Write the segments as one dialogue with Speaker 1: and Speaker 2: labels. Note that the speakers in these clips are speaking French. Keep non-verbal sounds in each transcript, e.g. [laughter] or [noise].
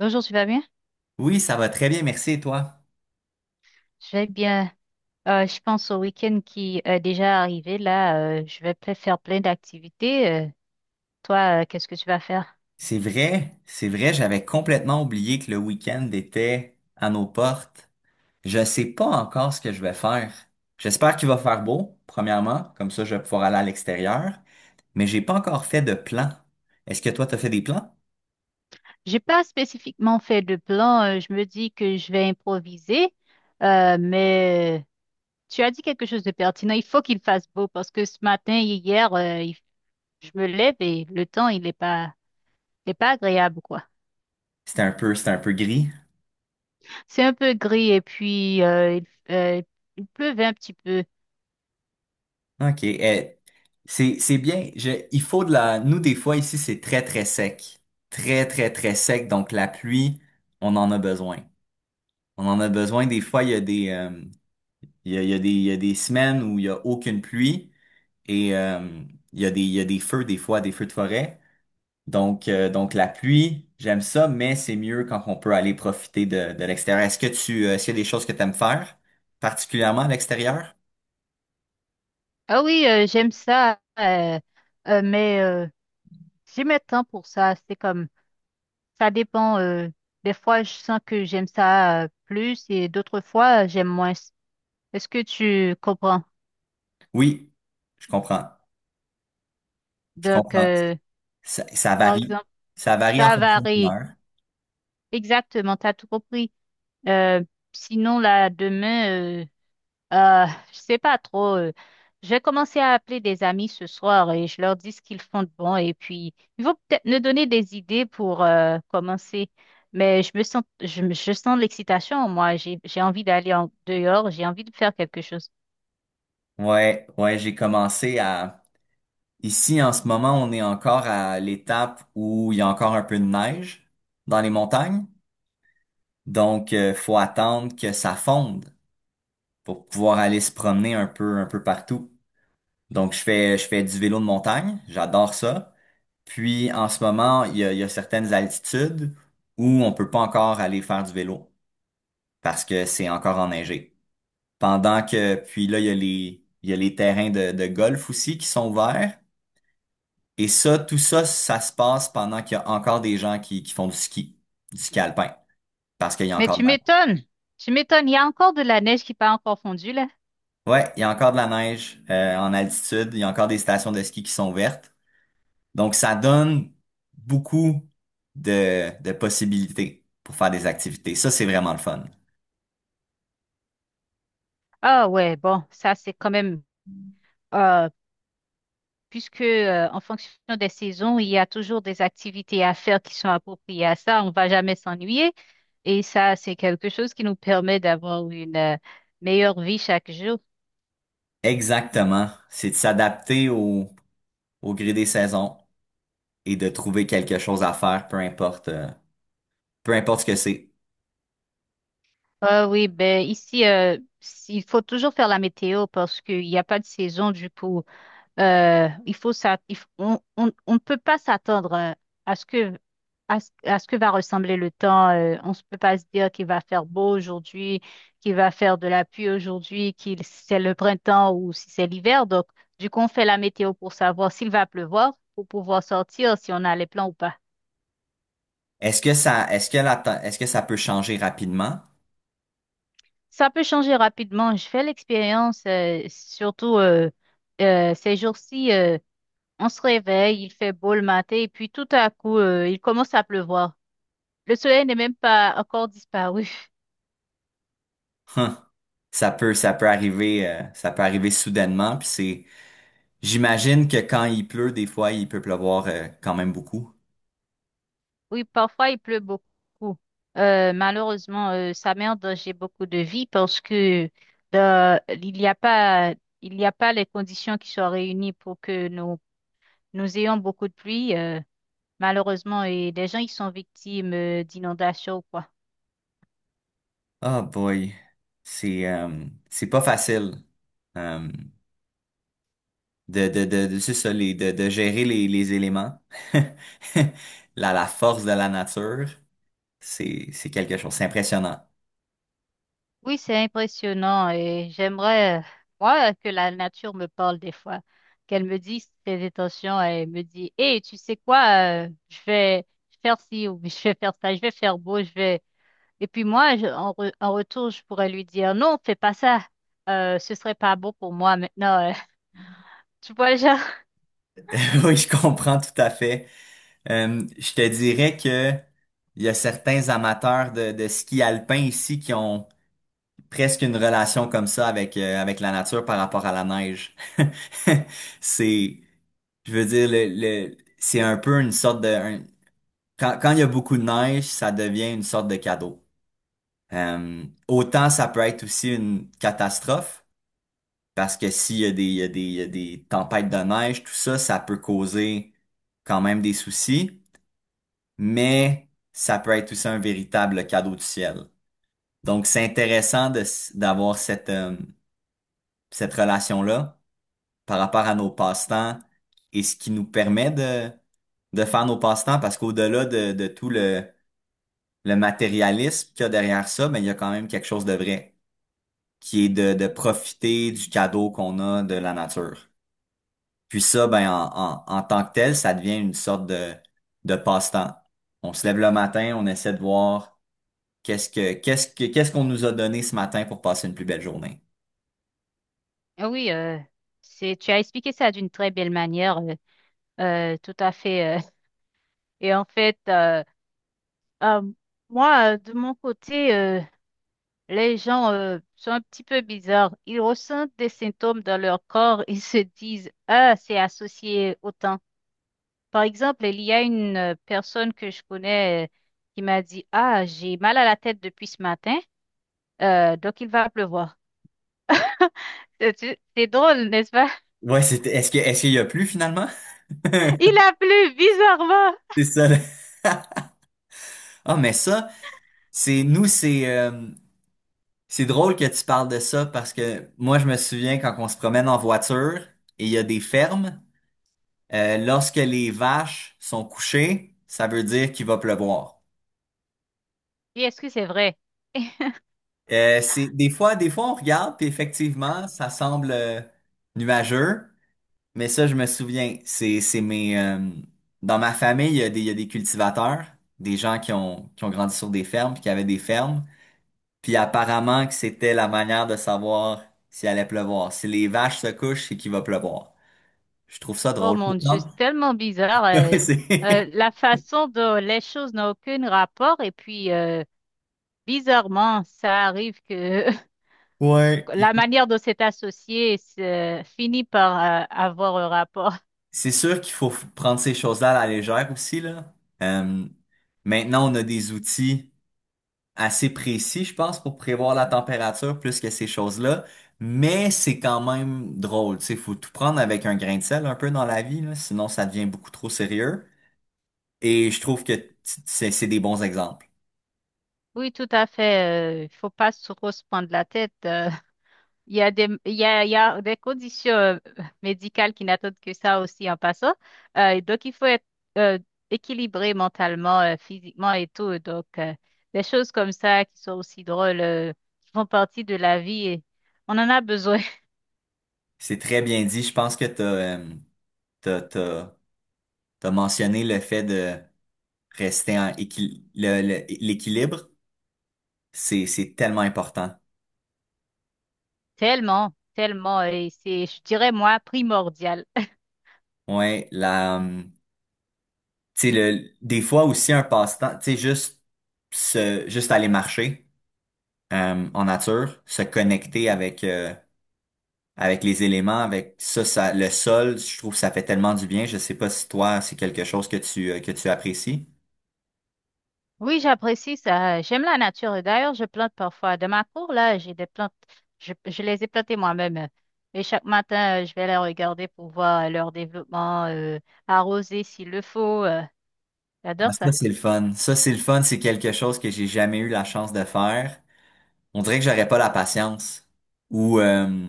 Speaker 1: Bonjour, tu vas bien?
Speaker 2: Oui, ça va très bien, merci et toi?
Speaker 1: Je vais bien. Je pense au week-end qui est déjà arrivé. Là, je vais faire plein d'activités. Toi, qu'est-ce que tu vas faire?
Speaker 2: C'est vrai, j'avais complètement oublié que le week-end était à nos portes. Je sais pas encore ce que je vais faire. J'espère qu'il va faire beau, premièrement, comme ça je vais pouvoir aller à l'extérieur, mais j'ai pas encore fait de plan. Est-ce que toi t'as fait des plans?
Speaker 1: J'ai pas spécifiquement fait de plan. Je me dis que je vais improviser. Mais tu as dit quelque chose de pertinent. Il faut qu'il fasse beau parce que ce matin et hier, je me lève et le temps, il est pas agréable, quoi.
Speaker 2: C'était un peu gris.
Speaker 1: C'est un peu gris et puis il euh, il pleuvait un petit peu.
Speaker 2: Ok, eh, c'est bien. Je, il faut de la. Nous des fois ici c'est très très sec, très très très sec. Donc la pluie, on en a besoin. On en a besoin. Des fois il y a des il y a, il y a il y a des semaines où il y a aucune pluie et il y a il y a des feux des fois, des feux de forêt. Donc la pluie, j'aime ça, mais c'est mieux quand on peut aller profiter de l'extérieur. Est-ce que est-ce qu'il y a des choses que tu aimes faire, particulièrement à l'extérieur?
Speaker 1: Ah oui, j'aime ça, euh, mais euh, j'ai mes temps pour ça. C'est comme, ça dépend. Des fois, je sens que j'aime ça plus et d'autres fois, j'aime moins. Est-ce que tu comprends?
Speaker 2: Oui, je comprends. Je
Speaker 1: Donc,
Speaker 2: comprends. Ça
Speaker 1: par
Speaker 2: varie.
Speaker 1: exemple,
Speaker 2: Ça varie en
Speaker 1: ça
Speaker 2: fonction de
Speaker 1: varie.
Speaker 2: l'heure.
Speaker 1: Exactement, t'as tout compris. Euh, Sinon, là, demain, Euh, je sais pas trop. Je vais commencer à appeler des amis ce soir et je leur dis ce qu'ils font de bon et puis ils vont peut-être me donner des idées pour commencer. Mais je me sens, je, me- je sens l'excitation en moi. J'ai envie d'aller en dehors, j'ai envie de faire quelque chose.
Speaker 2: Ouais, ouais, j'ai commencé à... Ici, en ce moment, on est encore à l'étape où il y a encore un peu de neige dans les montagnes. Donc, faut attendre que ça fonde pour pouvoir aller se promener un peu partout. Donc, je fais du vélo de montagne. J'adore ça. Puis, en ce moment, il y a certaines altitudes où on peut pas encore aller faire du vélo parce que c'est encore enneigé. Pendant que, puis là, il y a les, il y a les terrains de golf aussi qui sont ouverts. Et ça, tout ça, ça se passe pendant qu'il y a encore des gens qui font du ski alpin, parce qu'il y a
Speaker 1: Mais
Speaker 2: encore
Speaker 1: tu
Speaker 2: de la.
Speaker 1: m'étonnes, tu m'étonnes. Il y a encore de la neige qui n'a pas encore fondu là.
Speaker 2: Ouais, il y a encore de la neige en altitude, il y a encore des stations de ski qui sont ouvertes. Donc, ça donne beaucoup de possibilités pour faire des activités. Ça, c'est vraiment le fun.
Speaker 1: Ah ouais, bon, ça c'est quand même. euh, Puisque en fonction des saisons, il y a toujours des activités à faire qui sont appropriées à ça. On va jamais s'ennuyer. Et ça, c'est quelque chose qui nous permet d'avoir une meilleure vie chaque jour.
Speaker 2: Exactement. C'est de s'adapter au gré des saisons et de trouver quelque chose à faire, peu importe ce que c'est.
Speaker 1: Ah oui, ben ici, il faut toujours faire la météo parce qu'il n'y a pas de saison. Du coup, il faut ça, il f- on ne peut pas s'attendre à ce que à ce que va ressembler le temps. On ne peut pas se dire qu'il va faire beau aujourd'hui, qu'il va faire de la pluie aujourd'hui, qu'il si c'est le printemps ou si c'est l'hiver. Donc, du coup, on fait la météo pour savoir s'il va pleuvoir, pour pouvoir sortir, si on a les plans ou pas.
Speaker 2: Est-ce que ça, est-ce que la, te- est-ce que ça peut changer rapidement?
Speaker 1: Ça peut changer rapidement. Je fais l'expérience, surtout ces jours-ci. On se réveille, il fait beau le matin et puis tout à coup, il commence à pleuvoir. Le soleil n'est même pas encore disparu. [laughs]
Speaker 2: Hum, ça peut arriver soudainement, puis c'est. J'imagine que quand il pleut, des fois, il peut pleuvoir quand même beaucoup.
Speaker 1: Oui, parfois il pleut beaucoup. Malheureusement, ça met en danger beaucoup de vie parce que euh, il n'y a pas, il n'y a pas les conditions qui sont réunies pour que nous, nous ayons beaucoup de pluie. Malheureusement, et les gens ils sont victimes d'inondations ou quoi.
Speaker 2: Ah boy, c'est pas facile euh, de c'est ça, de gérer les éléments. [laughs] La force de la nature, c'est quelque chose, c'est impressionnant.
Speaker 1: Oui, c'est impressionnant et j'aimerais, moi, que la nature me parle des fois, qu'elle me dise ses intentions et me dit, Hé, tu sais quoi, je vais faire ci ou je vais faire ça, je vais faire beau, je vais. Et puis moi, en retour, je pourrais lui dire, non, fais pas ça, ce serait pas beau pour moi maintenant. [laughs] Tu vois, genre.
Speaker 2: [laughs] Oui, je comprends tout à fait. Je te dirais que il y a certains amateurs de ski alpin ici qui ont presque une relation comme ça avec, avec la nature par rapport à la neige. [laughs] C'est, je veux dire, le, c'est un peu une sorte de... un- quand, quand il y a beaucoup de neige, ça devient une sorte de cadeau. Autant ça peut être aussi une catastrophe, parce que s'il y a il y a il y a des tempêtes de neige, tout ça, ça peut causer quand même des soucis, mais ça peut être aussi un véritable cadeau du ciel. Donc, c'est intéressant d'avoir cette, cette relation-là, par rapport à nos passe-temps et ce qui nous permet de faire nos passe-temps parce qu'au-delà de tout le matérialisme qu'il y a derrière ça, mais il y a quand même quelque chose de vrai qui est de profiter du cadeau qu'on a de la nature. Puis ça, ben, en tant que tel, ça devient une sorte de passe-temps. On se lève le matin, on essaie de voir qu'est-ce qu'on nous a donné ce matin pour passer une plus belle journée.
Speaker 1: Ah oui, c'est, tu as expliqué ça d'une très belle manière, tout à fait. Et en fait, euh, moi, de mon côté. Les gens sont un petit peu bizarres. Ils ressentent des symptômes dans leur corps. Ils se disent, ah, c'est associé au temps. Par exemple, il y a une personne que je connais qui m'a dit, ah, j'ai mal à la tête depuis ce matin, donc il va pleuvoir. [laughs] C'est drôle, n'est-ce pas?
Speaker 2: Ouais, est-ce qu'il y a plus finalement? [laughs]
Speaker 1: [laughs] Il a plu bizarrement.
Speaker 2: C'est ça, là. [laughs] Ah, mais ça, c'est nous, c'est drôle que tu parles de ça parce que moi, je me souviens quand on se promène en voiture et il y a des fermes, lorsque les vaches sont couchées, ça veut dire qu'il va pleuvoir.
Speaker 1: Et est-ce que c'est vrai?
Speaker 2: C'est des fois on regarde puis effectivement, ça semble nuageux, mais ça, je me souviens, c'est mes dans ma famille, il y a des il y a des cultivateurs, des gens qui ont grandi sur des fermes puis qui avaient des fermes. Puis apparemment que c'était la manière de savoir s'il allait pleuvoir. Si les vaches se couchent, c'est qu'il va pleuvoir. Je trouve ça
Speaker 1: Oh
Speaker 2: drôle. Je me
Speaker 1: mon Dieu,
Speaker 2: demande-
Speaker 1: c'est tellement bizarre.
Speaker 2: [laughs] C'est.
Speaker 1: La façon dont les choses n'ont aucun rapport et puis bizarrement, ça arrive que [laughs]
Speaker 2: Ouais.
Speaker 1: la
Speaker 2: il-
Speaker 1: manière dont c'est associé finit par avoir un rapport. [laughs]
Speaker 2: c'est sûr qu'il faut prendre ces choses-là à la légère aussi, là. Euh, maintenant, on a des outils assez précis, je pense, pour prévoir la température plus que ces choses-là. Mais c'est quand même drôle. Tu sais, faut tout prendre avec un grain de sel un peu dans la vie, là, sinon ça devient beaucoup trop sérieux. Et je trouve que t- c'est des bons exemples.
Speaker 1: Oui, tout à fait. Il faut pas trop se prendre la tête. Il y a des conditions médicales qui n'attendent que ça aussi en passant. Et donc, il faut être euh, équilibré mentalement, physiquement et tout. Donc, des choses comme ça qui sont aussi drôles, qui font partie de la vie. Et on en a besoin [laughs]
Speaker 2: C'est très bien dit. Je pense que tu as, t'as, t'as, t'as- t'as mentionné le fait de rester en équil- l'équilibre. C'est tellement important.
Speaker 1: tellement, tellement. Et c'est, je dirais, moi, primordial.
Speaker 2: Ouais, la, tu sais, le, des fois aussi un passe-temps, tu sais, juste, juste aller marcher en nature, se connecter avec, avec les éléments, avec ça, ça, le sol, je trouve que ça fait tellement du bien. Je sais pas si toi, c'est quelque chose que que tu apprécies.
Speaker 1: Oui, j'apprécie ça. J'aime la nature. Et d'ailleurs, je plante parfois. Dans ma cour, là, j'ai des plantes. Je les ai plantées moi-même. Et chaque matin, je vais les regarder pour voir leur développement, arroser s'il le faut.
Speaker 2: Ah,
Speaker 1: J'adore
Speaker 2: ça,
Speaker 1: ça.
Speaker 2: c'est le fun. Ça, c'est le fun. C'est quelque chose que j'ai jamais eu la chance de faire. On dirait que j'aurais pas la patience. Ou,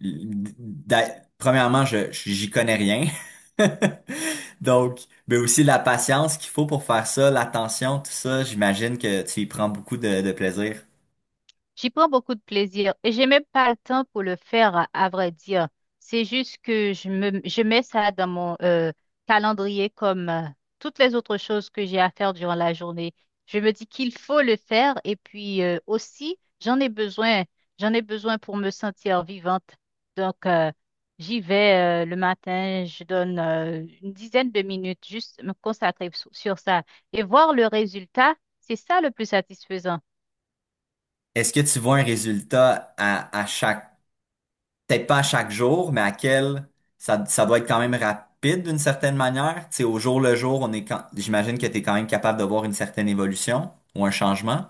Speaker 2: l- premièrement, j'y connais rien. [laughs] Donc, mais aussi la patience qu'il faut pour faire ça, l'attention, tout ça, j'imagine que tu y prends beaucoup de plaisir.
Speaker 1: J'y prends beaucoup de plaisir et j'ai même pas le temps pour le faire, à vrai dire. C'est juste que je mets ça dans mon calendrier comme toutes les autres choses que j'ai à faire durant la journée. Je me dis qu'il faut le faire et puis aussi, j'en ai besoin. J'en ai besoin pour me sentir vivante. Donc, j'y vais le matin, je donne une dizaine de minutes juste me consacrer sur ça et voir le résultat, c'est ça le plus satisfaisant.
Speaker 2: Est-ce que tu vois un résultat à chaque peut-être pas à chaque jour, mais à quel ça, ça doit être quand même rapide d'une certaine manière. Tu sais, au jour le jour, on est quand... j'imagine que tu es quand même capable de voir une certaine évolution ou un changement.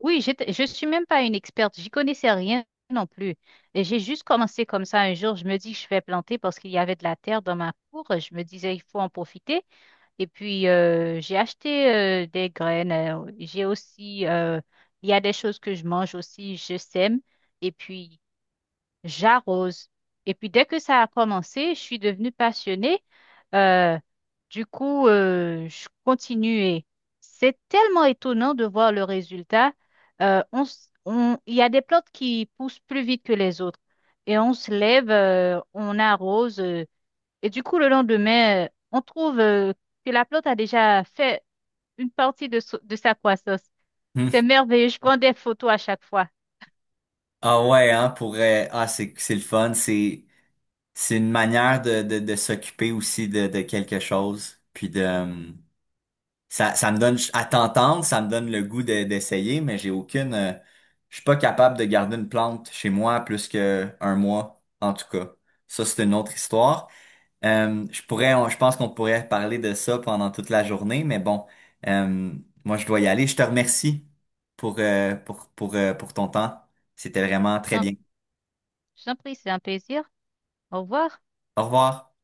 Speaker 1: Je ne suis même pas une experte, j'y connaissais rien non plus. Et j'ai juste commencé comme ça un jour, je me dis je vais planter parce qu'il y avait de la terre dans ma cour, je me disais il faut en profiter. Et puis j'ai acheté des graines, il y a des choses que je mange aussi, je sème. Et puis j'arrose. Et puis dès que ça a commencé, je suis devenue passionnée. Euh, du coup, je continuais. C'est tellement étonnant de voir le résultat. Il y a des plantes qui poussent plus vite que les autres. Et on se lève, on arrose. Et du coup, le lendemain, on trouve, que la plante a déjà fait une partie de, de sa croissance.
Speaker 2: Hmm.
Speaker 1: C'est merveilleux. Je prends des photos à chaque fois.
Speaker 2: Ah ouais, hein, pour ah c'est le fun, c'est une manière de s'occuper aussi de quelque chose. Puis de ça me donne à t'entendre, ça me donne le goût de- d'essayer, mais j'ai aucune je suis pas capable de garder une plante chez moi plus que un mois en tout cas. Ça c'est une autre histoire. Je pourrais, on- je pense qu'on pourrait parler de ça pendant toute la journée, mais bon, euh, moi je dois y aller. Je te remercie pour, pour ton temps. C'était vraiment
Speaker 1: Je
Speaker 2: très
Speaker 1: t'en
Speaker 2: bien.
Speaker 1: je t'en prie, c'est un plaisir. Au revoir.
Speaker 2: Au revoir.